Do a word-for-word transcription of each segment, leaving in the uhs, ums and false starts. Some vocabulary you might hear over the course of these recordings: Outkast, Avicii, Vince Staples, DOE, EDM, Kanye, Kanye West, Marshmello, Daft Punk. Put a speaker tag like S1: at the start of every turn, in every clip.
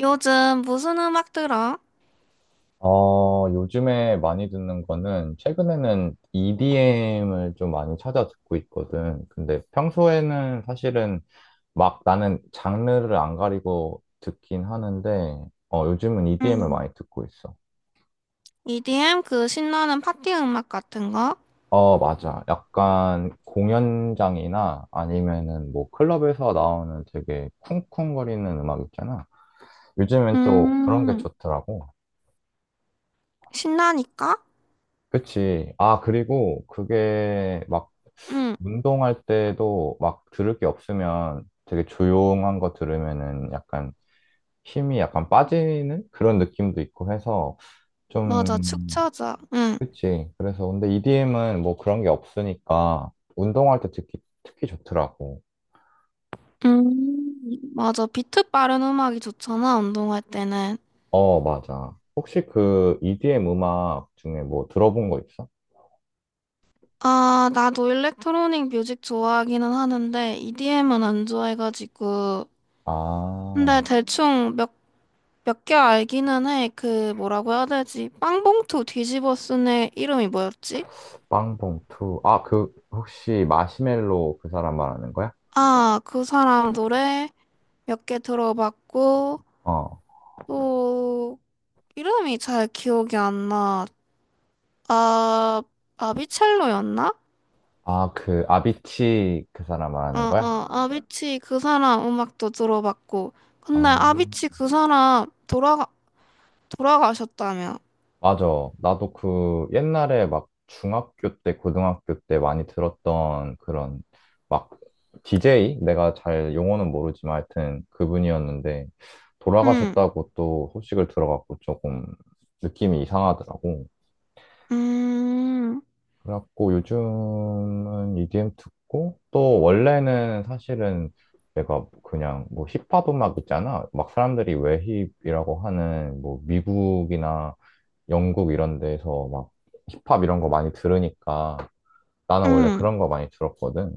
S1: 요즘 무슨 음악 들어?
S2: 어, 요즘에 많이 듣는 거는 최근에는 이디엠을 좀 많이 찾아 듣고 있거든. 근데 평소에는 사실은 막 나는 장르를 안 가리고 듣긴 하는데, 어, 요즘은 이디엠을
S1: 음,
S2: 많이 듣고 있어.
S1: 이디엠 그 신나는 파티 음악 같은 거?
S2: 어, 맞아. 약간 공연장이나 아니면은 뭐 클럽에서 나오는 되게 쿵쿵거리는 음악 있잖아. 요즘엔 또 그런 게
S1: 음,
S2: 좋더라고.
S1: 신나니까?
S2: 그치. 아, 그리고 그게 막
S1: 응,
S2: 운동할 때도 막 들을 게 없으면 되게 조용한 거 들으면은 약간 힘이 약간 빠지는 그런 느낌도 있고 해서 좀,
S1: 맞아, 축 처져. 응,
S2: 그치. 그래서 근데 이디엠은 뭐 그런 게 없으니까 운동할 때 듣기 특히 좋더라고.
S1: 음, 맞아, 비트 빠른 음악이 좋잖아, 운동할 때는.
S2: 어, 맞아. 혹시 그 이디엠 음악 중에 뭐 들어본 거 있어?
S1: 아, 나도 일렉트로닉 뮤직 좋아하기는 하는데, 이디엠은 안 좋아해가지고. 근데
S2: 아,
S1: 대충 몇, 몇 개 알기는 해. 그, 뭐라고 해야 되지? 빵봉투 뒤집어 쓴애 이름이 뭐였지?
S2: 빵봉투. 아, 그 혹시 마시멜로 그 사람 말하는 거야?
S1: 아, 그 사람 노래. 몇 개 들어봤고,
S2: 어.
S1: 또, 이름이 잘 기억이 안 나. 아, 아비첼로였나?
S2: 아, 그 아비치 그 사람
S1: 어,
S2: 말하는 거야?
S1: 어, 아비치 그 사람 음악도 들어봤고. 근데
S2: 아,
S1: 아비치 그 사람 돌아가, 돌아가셨다며.
S2: 맞아. 나도 그 옛날에 막 중학교 때, 고등학교 때 많이 들었던 그런 막 디제이? 내가 잘 용어는 모르지만 하여튼 그분이었는데
S1: 응,
S2: 돌아가셨다고 또 소식을 들어갖고 조금 느낌이 이상하더라고.
S1: 음,
S2: 그래갖고 요즘은 이디엠 듣고 또 원래는 사실은 내가 그냥 뭐 힙합 음악 있잖아. 막 사람들이 왜 힙이라고 하는 뭐 미국이나 영국 이런 데서 막 힙합 이런 거 많이 들으니까 나는 원래
S1: 응...
S2: 그런 거 많이 들었거든.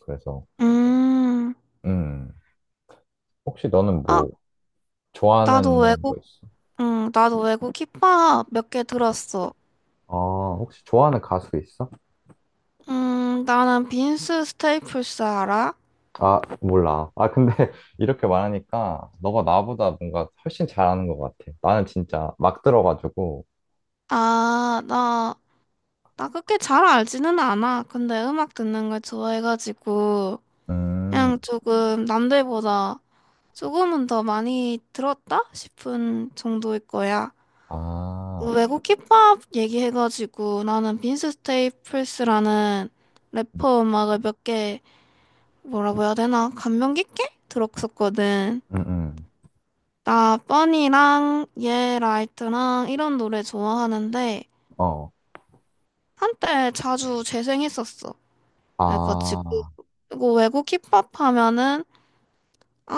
S2: 그래서,
S1: 음.
S2: 음, 혹시 너는
S1: 아,
S2: 뭐
S1: 나도
S2: 좋아하는 거
S1: 외국,
S2: 있어?
S1: 응, 나도 외국 힙합 몇 개 들었어.
S2: 아, 혹시 좋아하는 가수 있어?
S1: 음, 나는 빈스 스테이플스 알아?
S2: 아, 몰라. 아, 근데 이렇게 말하니까 너가 나보다 뭔가 훨씬 잘하는 것 같아. 나는 진짜 막 들어가지고,
S1: 아, 나 나 그렇게 잘 알지는 않아. 근데 음악 듣는 걸 좋아해가지고,
S2: 음,
S1: 그냥 조금 남들보다 조금은 더 많이 들었다? 싶은 정도일 거야.
S2: 아,
S1: 외국 힙합 얘기해가지고, 나는 빈스 스테이플스라는 래퍼 음악을 몇 개, 뭐라고 해야 되나? 감명 깊게 들었었거든.
S2: 음, 음,
S1: 나 뻔이랑 예 라이트랑 이런 노래 좋아하는데,
S2: 어,
S1: 한때 자주 재생했었어. 해가지고
S2: 아,
S1: 그리고 외국 힙합 하면은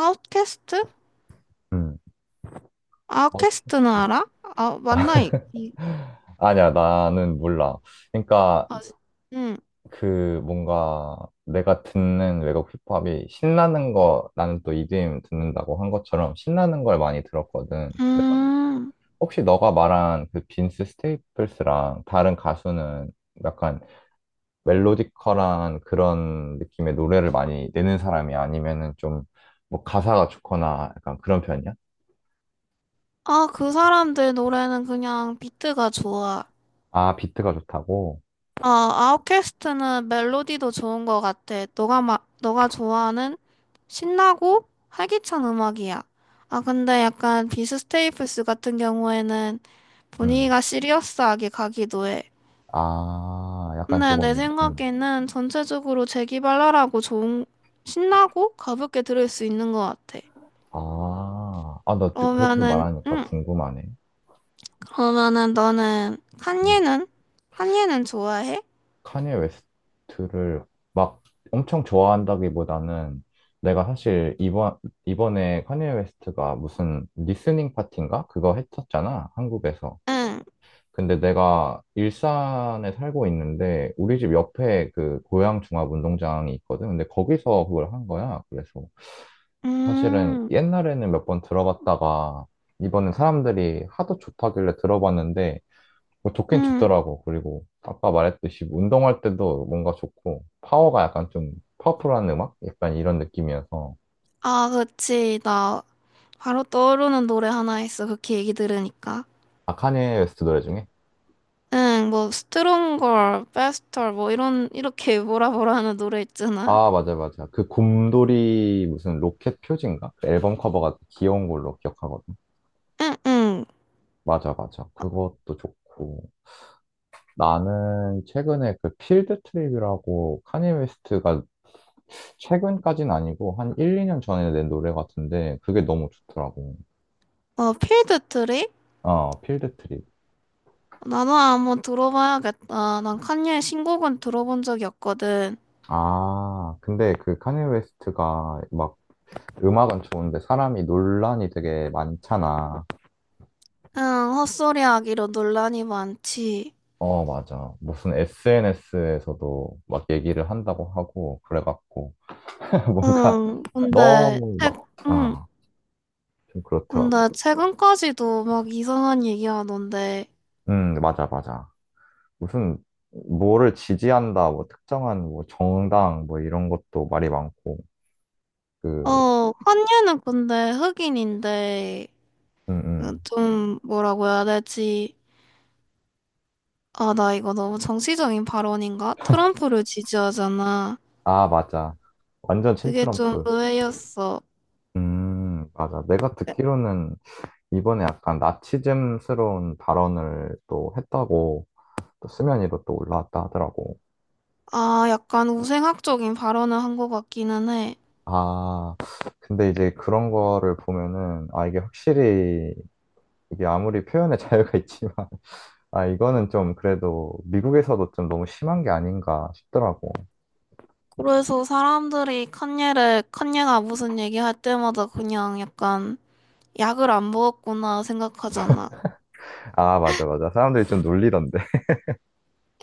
S1: 아웃캐스트?
S2: 음, 어떻게?
S1: 아웃캐스트는 알아? 아 맞나 이? 이-
S2: 아니야, 나는 몰라. 그러니까
S1: 아, 응.
S2: 그 뭔가 내가 듣는 외국 힙합이 신나는 거 나는 또 이디엠 듣는다고 한 것처럼 신나는 걸 많이 들었거든. 그래가지고
S1: 음.
S2: 혹시 너가 말한 그 빈스 스테이플스랑 다른 가수는 약간 멜로디컬한 그런 느낌의 노래를 많이 내는 사람이 아니면은 좀 뭐 가사가 좋거나 약간 그런 편이야?
S1: 아 그 사람들 노래는 그냥 비트가 좋아.
S2: 아, 비트가 좋다고?
S1: 아 아웃캐스트는 멜로디도 좋은 것 같아. 너가 마, 너가 좋아하는 신나고 활기찬 음악이야. 아 근데 약간 비스 스테이플스 같은 경우에는
S2: 음.
S1: 분위기가 시리어스하게 가기도 해.
S2: 아, 약간
S1: 근데 내
S2: 조금, 음.
S1: 생각에는 전체적으로 재기발랄하고 좋은, 신나고 가볍게 들을 수 있는 것 같아.
S2: 아, 아, 너 좀 그렇게
S1: 그러면은,
S2: 말하니까
S1: 응,
S2: 궁금하네.
S1: 그러면은 너는,
S2: 음.
S1: 칸예는? 칸예는 좋아해?
S2: 카니에 웨스트를 막 엄청 좋아한다기보다는 내가 사실 이번 이번에 카니에 웨스트가 무슨 리스닝 파티인가? 그거 했었잖아, 한국에서.
S1: 응,
S2: 근데 내가 일산에 살고 있는데 우리 집 옆에 그 고양종합운동장이 있거든. 근데 거기서 그걸 한 거야. 그래서 사실은
S1: 음,
S2: 옛날에는 몇 번 들어봤다가 이번에 사람들이 하도 좋다길래 들어봤는데 뭐 좋긴
S1: 음.
S2: 좋더라고. 그리고 아까 말했듯이 운동할 때도 뭔가 좋고 파워가 약간 좀 파워풀한 음악? 약간 이런 느낌이어서
S1: 아, 그치. 나 바로 떠오르는 노래 하나 있어. 그렇게 얘기 들으니까.
S2: 아 카니에 웨스트 노래 중에
S1: 응, 뭐, 스트롱걸, 베스터, 뭐, 이런, 이렇게 뭐라 뭐라 하는 노래 있잖아.
S2: 아 맞아 맞아 그 곰돌이 무슨 로켓 표지인가? 그 앨범 커버가 귀여운 걸로 기억하거든.
S1: 응, 응.
S2: 맞아 맞아 그것도 좋고 나는 최근에 그 필드 트립이라고 카니 웨스트가 최근까진 아니고 한 일, 이 년 전에 낸 노래 같은데 그게 너무 좋더라고.
S1: 어, 필드 트립?
S2: 어 필드 트립.
S1: 나도 한번 들어봐야겠다. 난 칸예 신곡은 들어본 적이 없거든.
S2: 아, 근데 그 카니 웨스트가 막 음악은 좋은데 사람이 논란이 되게 많잖아.
S1: 응, 헛소리 하기로 논란이 많지.
S2: 어, 맞아. 무슨 에스엔에스에서도 막 얘기를 한다고 하고 그래갖고 뭔가
S1: 응, 근데,
S2: 너무
S1: 최,
S2: 막,
S1: 응,
S2: 아, 좀
S1: 근데
S2: 그렇더라고.
S1: 최근까지도 막 이상한 얘기 하던데.
S2: 음, 맞아, 맞아. 무슨 뭐를 지지한다, 뭐 특정한 뭐 정당 뭐 이런 것도 말이 많고 그,
S1: 어, 칸예는 근데 흑인인데,
S2: 음,
S1: 어,
S2: 음.
S1: 좀, 뭐라고 해야 되지? 아, 나 이거 너무 정치적인 발언인가? 트럼프를 지지하잖아.
S2: 아, 맞아. 완전
S1: 그게 좀
S2: 친트럼프.
S1: 의외였어.
S2: 음, 맞아. 내가 듣기로는 이번에 약간 나치즘스러운 발언을 또 했다고 또 수면위로 또 올라왔다 하더라고.
S1: 아, 약간 우생학적인 발언을 한 것 같기는 해.
S2: 아, 근데 이제 그런 거를 보면은, 아, 이게 확실히, 이게 아무리 표현의 자유가 있지만, 아, 이거는 좀 그래도 미국에서도 좀 너무 심한 게 아닌가 싶더라고.
S1: 그래서 사람들이 칸예를, 칸예가 무슨 얘기할 때마다 그냥 약간 약을 안 먹었구나 생각하잖아.
S2: 아, 맞아, 맞아. 사람들이 좀 놀리던데.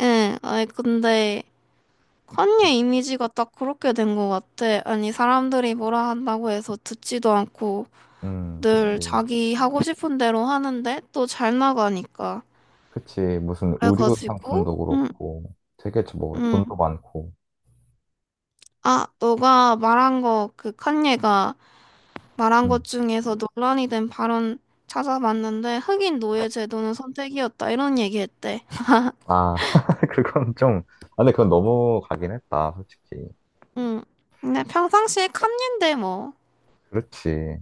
S1: 예, 아니, 근데 칸예 이미지가 딱 그렇게 된 것 같아. 아니, 사람들이 뭐라 한다고 해서 듣지도 않고
S2: 음,
S1: 늘
S2: 그치.
S1: 자기 하고 싶은 대로 하는데 또 잘 나가니까.
S2: 그치. 무슨 의류
S1: 그래가지고,
S2: 상품도
S1: 응,
S2: 그렇고, 되게 뭐, 돈도
S1: 응.
S2: 많고.
S1: 아, 너가 말한 거 그 칸예가 말한 것
S2: 음.
S1: 중에서 논란이 된 발언 찾아봤는데 흑인 노예 제도는 선택이었다 이런 얘기했대.
S2: 아, 그건 좀, 아, 근데 그건 너무 가긴 했다, 솔직히.
S1: 응. 근데 평상시에 칸인데 뭐.
S2: 그렇지.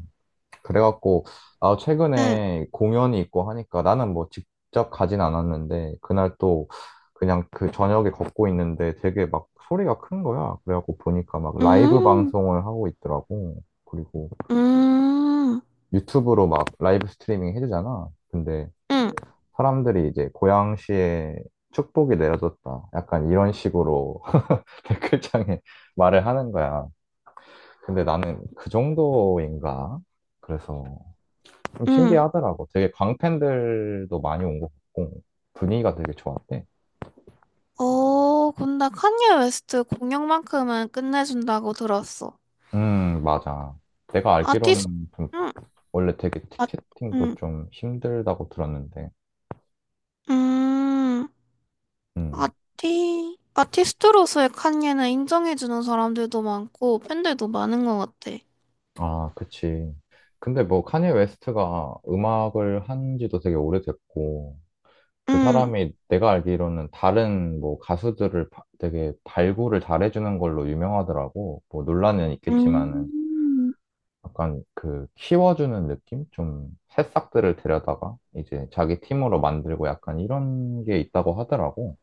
S2: 그래갖고, 아,
S1: 응.
S2: 최근에 공연이 있고 하니까 나는 뭐 직접 가진 않았는데, 그날 또 그냥 그 저녁에 걷고 있는데 되게 막 소리가 큰 거야. 그래갖고 보니까 막 라이브
S1: 음.
S2: 방송을 하고 있더라고. 그리고
S1: 음.
S2: 유튜브로 막 라이브 스트리밍 해주잖아. 근데
S1: 응.
S2: 사람들이 이제 고양시에 축복이 내려졌다. 약간 이런 식으로 댓글창에 말을 하는 거야. 근데 나는 그 정도인가? 그래서 좀
S1: 응.
S2: 신기하더라고. 되게 광팬들도 많이 온 것 같고, 분위기가 되게 좋았대.
S1: 어, 근데 칸예 웨스트 공연만큼은 끝내준다고 들었어.
S2: 음, 맞아. 내가
S1: 아티스.
S2: 알기로는 좀
S1: 응.
S2: 원래 되게
S1: 아.
S2: 티켓팅도
S1: 응.
S2: 좀 힘들다고 들었는데,
S1: 음.
S2: 음,
S1: 아티. 아티스트로서의 칸예는 인정해주는 사람들도 많고 팬들도 많은 것 같아.
S2: 아, 그치. 근데 뭐 카니 웨스트가 음악을 한 지도 되게 오래됐고, 그
S1: 응.
S2: 사람이 내가 알기로는 다른 뭐 가수들을 바- 되게 발굴을 잘해주는 걸로 유명하더라고. 뭐 논란은 있겠지만은.
S1: 음,
S2: 약간 그 키워주는 느낌? 좀 새싹들을 데려다가 이제 자기 팀으로 만들고 약간 이런 게 있다고 하더라고.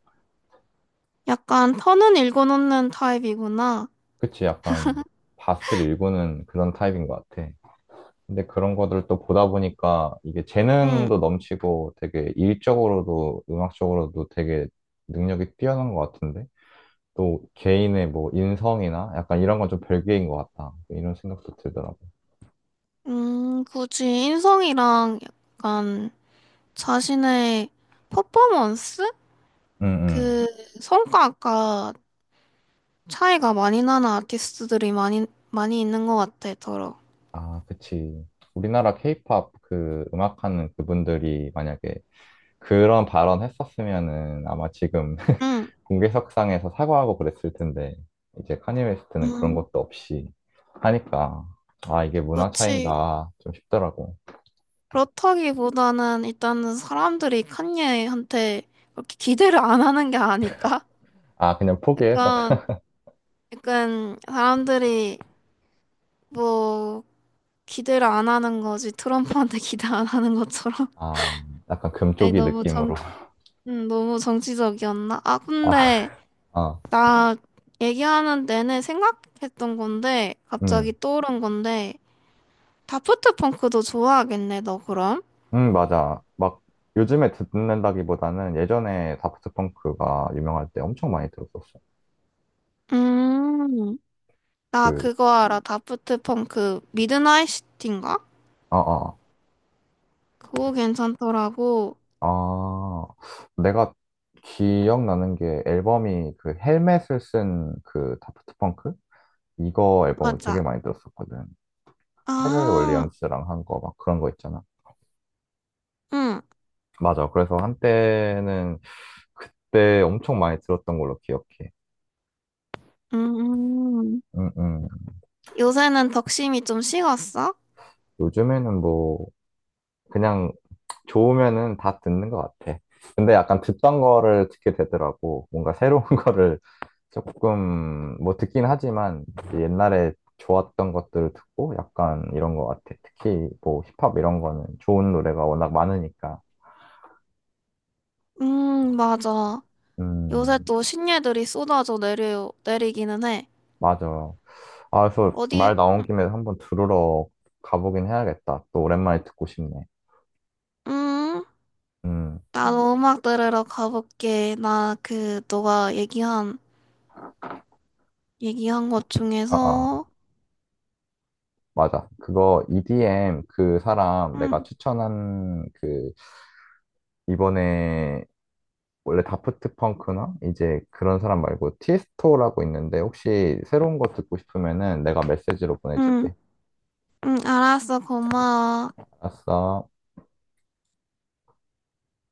S1: 약간 터는 읽어놓는 타입이구나.
S2: 그치, 약간 밭을 일구는 그런 타입인 것 같아. 근데 그런 거를 또 보다 보니까 이게
S1: 응.
S2: 재능도 넘치고 되게 일적으로도 음악적으로도 되게 능력이 뛰어난 것 같은데 또 개인의 뭐 인성이나 약간 이런 건 좀 별개인 것 같다. 이런 생각도 들더라고.
S1: 음, 굳이 인성이랑 약간 자신의 퍼포먼스?
S2: 응, 응.
S1: 그 성과가 차이가 많이 나는 아티스트들이 많이, 많이 있는 것 같아, 더러.
S2: 아, 그치. 우리나라 케이팝 그 음악하는 그분들이 만약에 그런 발언 했었으면은 아마 지금
S1: 응.
S2: 공개석상에서 사과하고 그랬을 텐데, 이제 카니 웨스트는 그런
S1: 음,
S2: 것도 없이 하니까, 아, 이게 문화
S1: 그치.
S2: 차이인가 좀 싶더라고.
S1: 그렇다기보다는 일단은 사람들이 칸예한테 그렇게 기대를 안 하는 게 아닐까?
S2: 아, 그냥 포기해서.
S1: 약간, 약간 사람들이 뭐, 기대를 안 하는 거지. 트럼프한테 기대 안 하는 것처럼.
S2: 아, 약간
S1: 에이,
S2: 금쪽이
S1: 너무
S2: 느낌으로.
S1: 정, 음, 너무 정치적이었나? 아,
S2: 아,
S1: 근데
S2: 아,
S1: 나 얘기하는 내내 생각했던 건데, 갑자기
S2: 음,
S1: 떠오른 건데, 다프트 펑크도 좋아하겠네, 너 그럼?
S2: 음, 맞아. 막 요즘에 듣는다기보다는 예전에 다프트 펑크가 유명할 때 엄청 많이 들었었어.
S1: 음, 나
S2: 그,
S1: 그거 알아. 다프트 펑크 미드나잇 시티인가?
S2: 어어.
S1: 그거 괜찮더라고.
S2: 아, 내가 기억나는 게 앨범이 그 헬멧을 쓴 그 다프트 펑크? 이거 앨범을 되게
S1: 맞아.
S2: 많이 들었었거든. 페럴
S1: 아,
S2: 윌리엄스랑 한 거 막 그런 거 있잖아.
S1: 응.
S2: 맞아. 그래서 한때는 그때 엄청 많이 들었던 걸로 기억해.
S1: 음,
S2: 음, 음.
S1: 요새는 덕심이 좀 식었어?
S2: 요즘에는 뭐 그냥 좋으면은 다 듣는 것 같아. 근데 약간 듣던 거를 듣게 되더라고. 뭔가 새로운 거를 조금 뭐 듣긴 하지만 이제 옛날에 좋았던 것들을 듣고 약간 이런 것 같아. 특히 뭐 힙합 이런 거는 좋은 노래가 워낙 많으니까.
S1: 음, 맞아. 요새
S2: 음,
S1: 또 신예들이 쏟아져 내려, 내리기는 해.
S2: 맞아. 아, 그래서
S1: 어디,
S2: 말 나온 김에 한번 들으러 가보긴 해야겠다. 또 오랜만에 듣고 싶네.
S1: 음,
S2: 음,
S1: 나도 음악 들으러 가볼게. 나 그, 너가 얘기한, 얘기한 것
S2: 아, 아,
S1: 중에서.
S2: 맞아. 그거 이디엠 그 사람
S1: 응,
S2: 내가 추천한 그 이번에 원래 다프트 펑크나 이제 그런 사람 말고 티에스토라고 있는데 혹시 새로운 거 듣고 싶으면은 내가 메시지로
S1: 응,
S2: 보내줄게.
S1: 응, 알았어. 고마워.
S2: 알았어.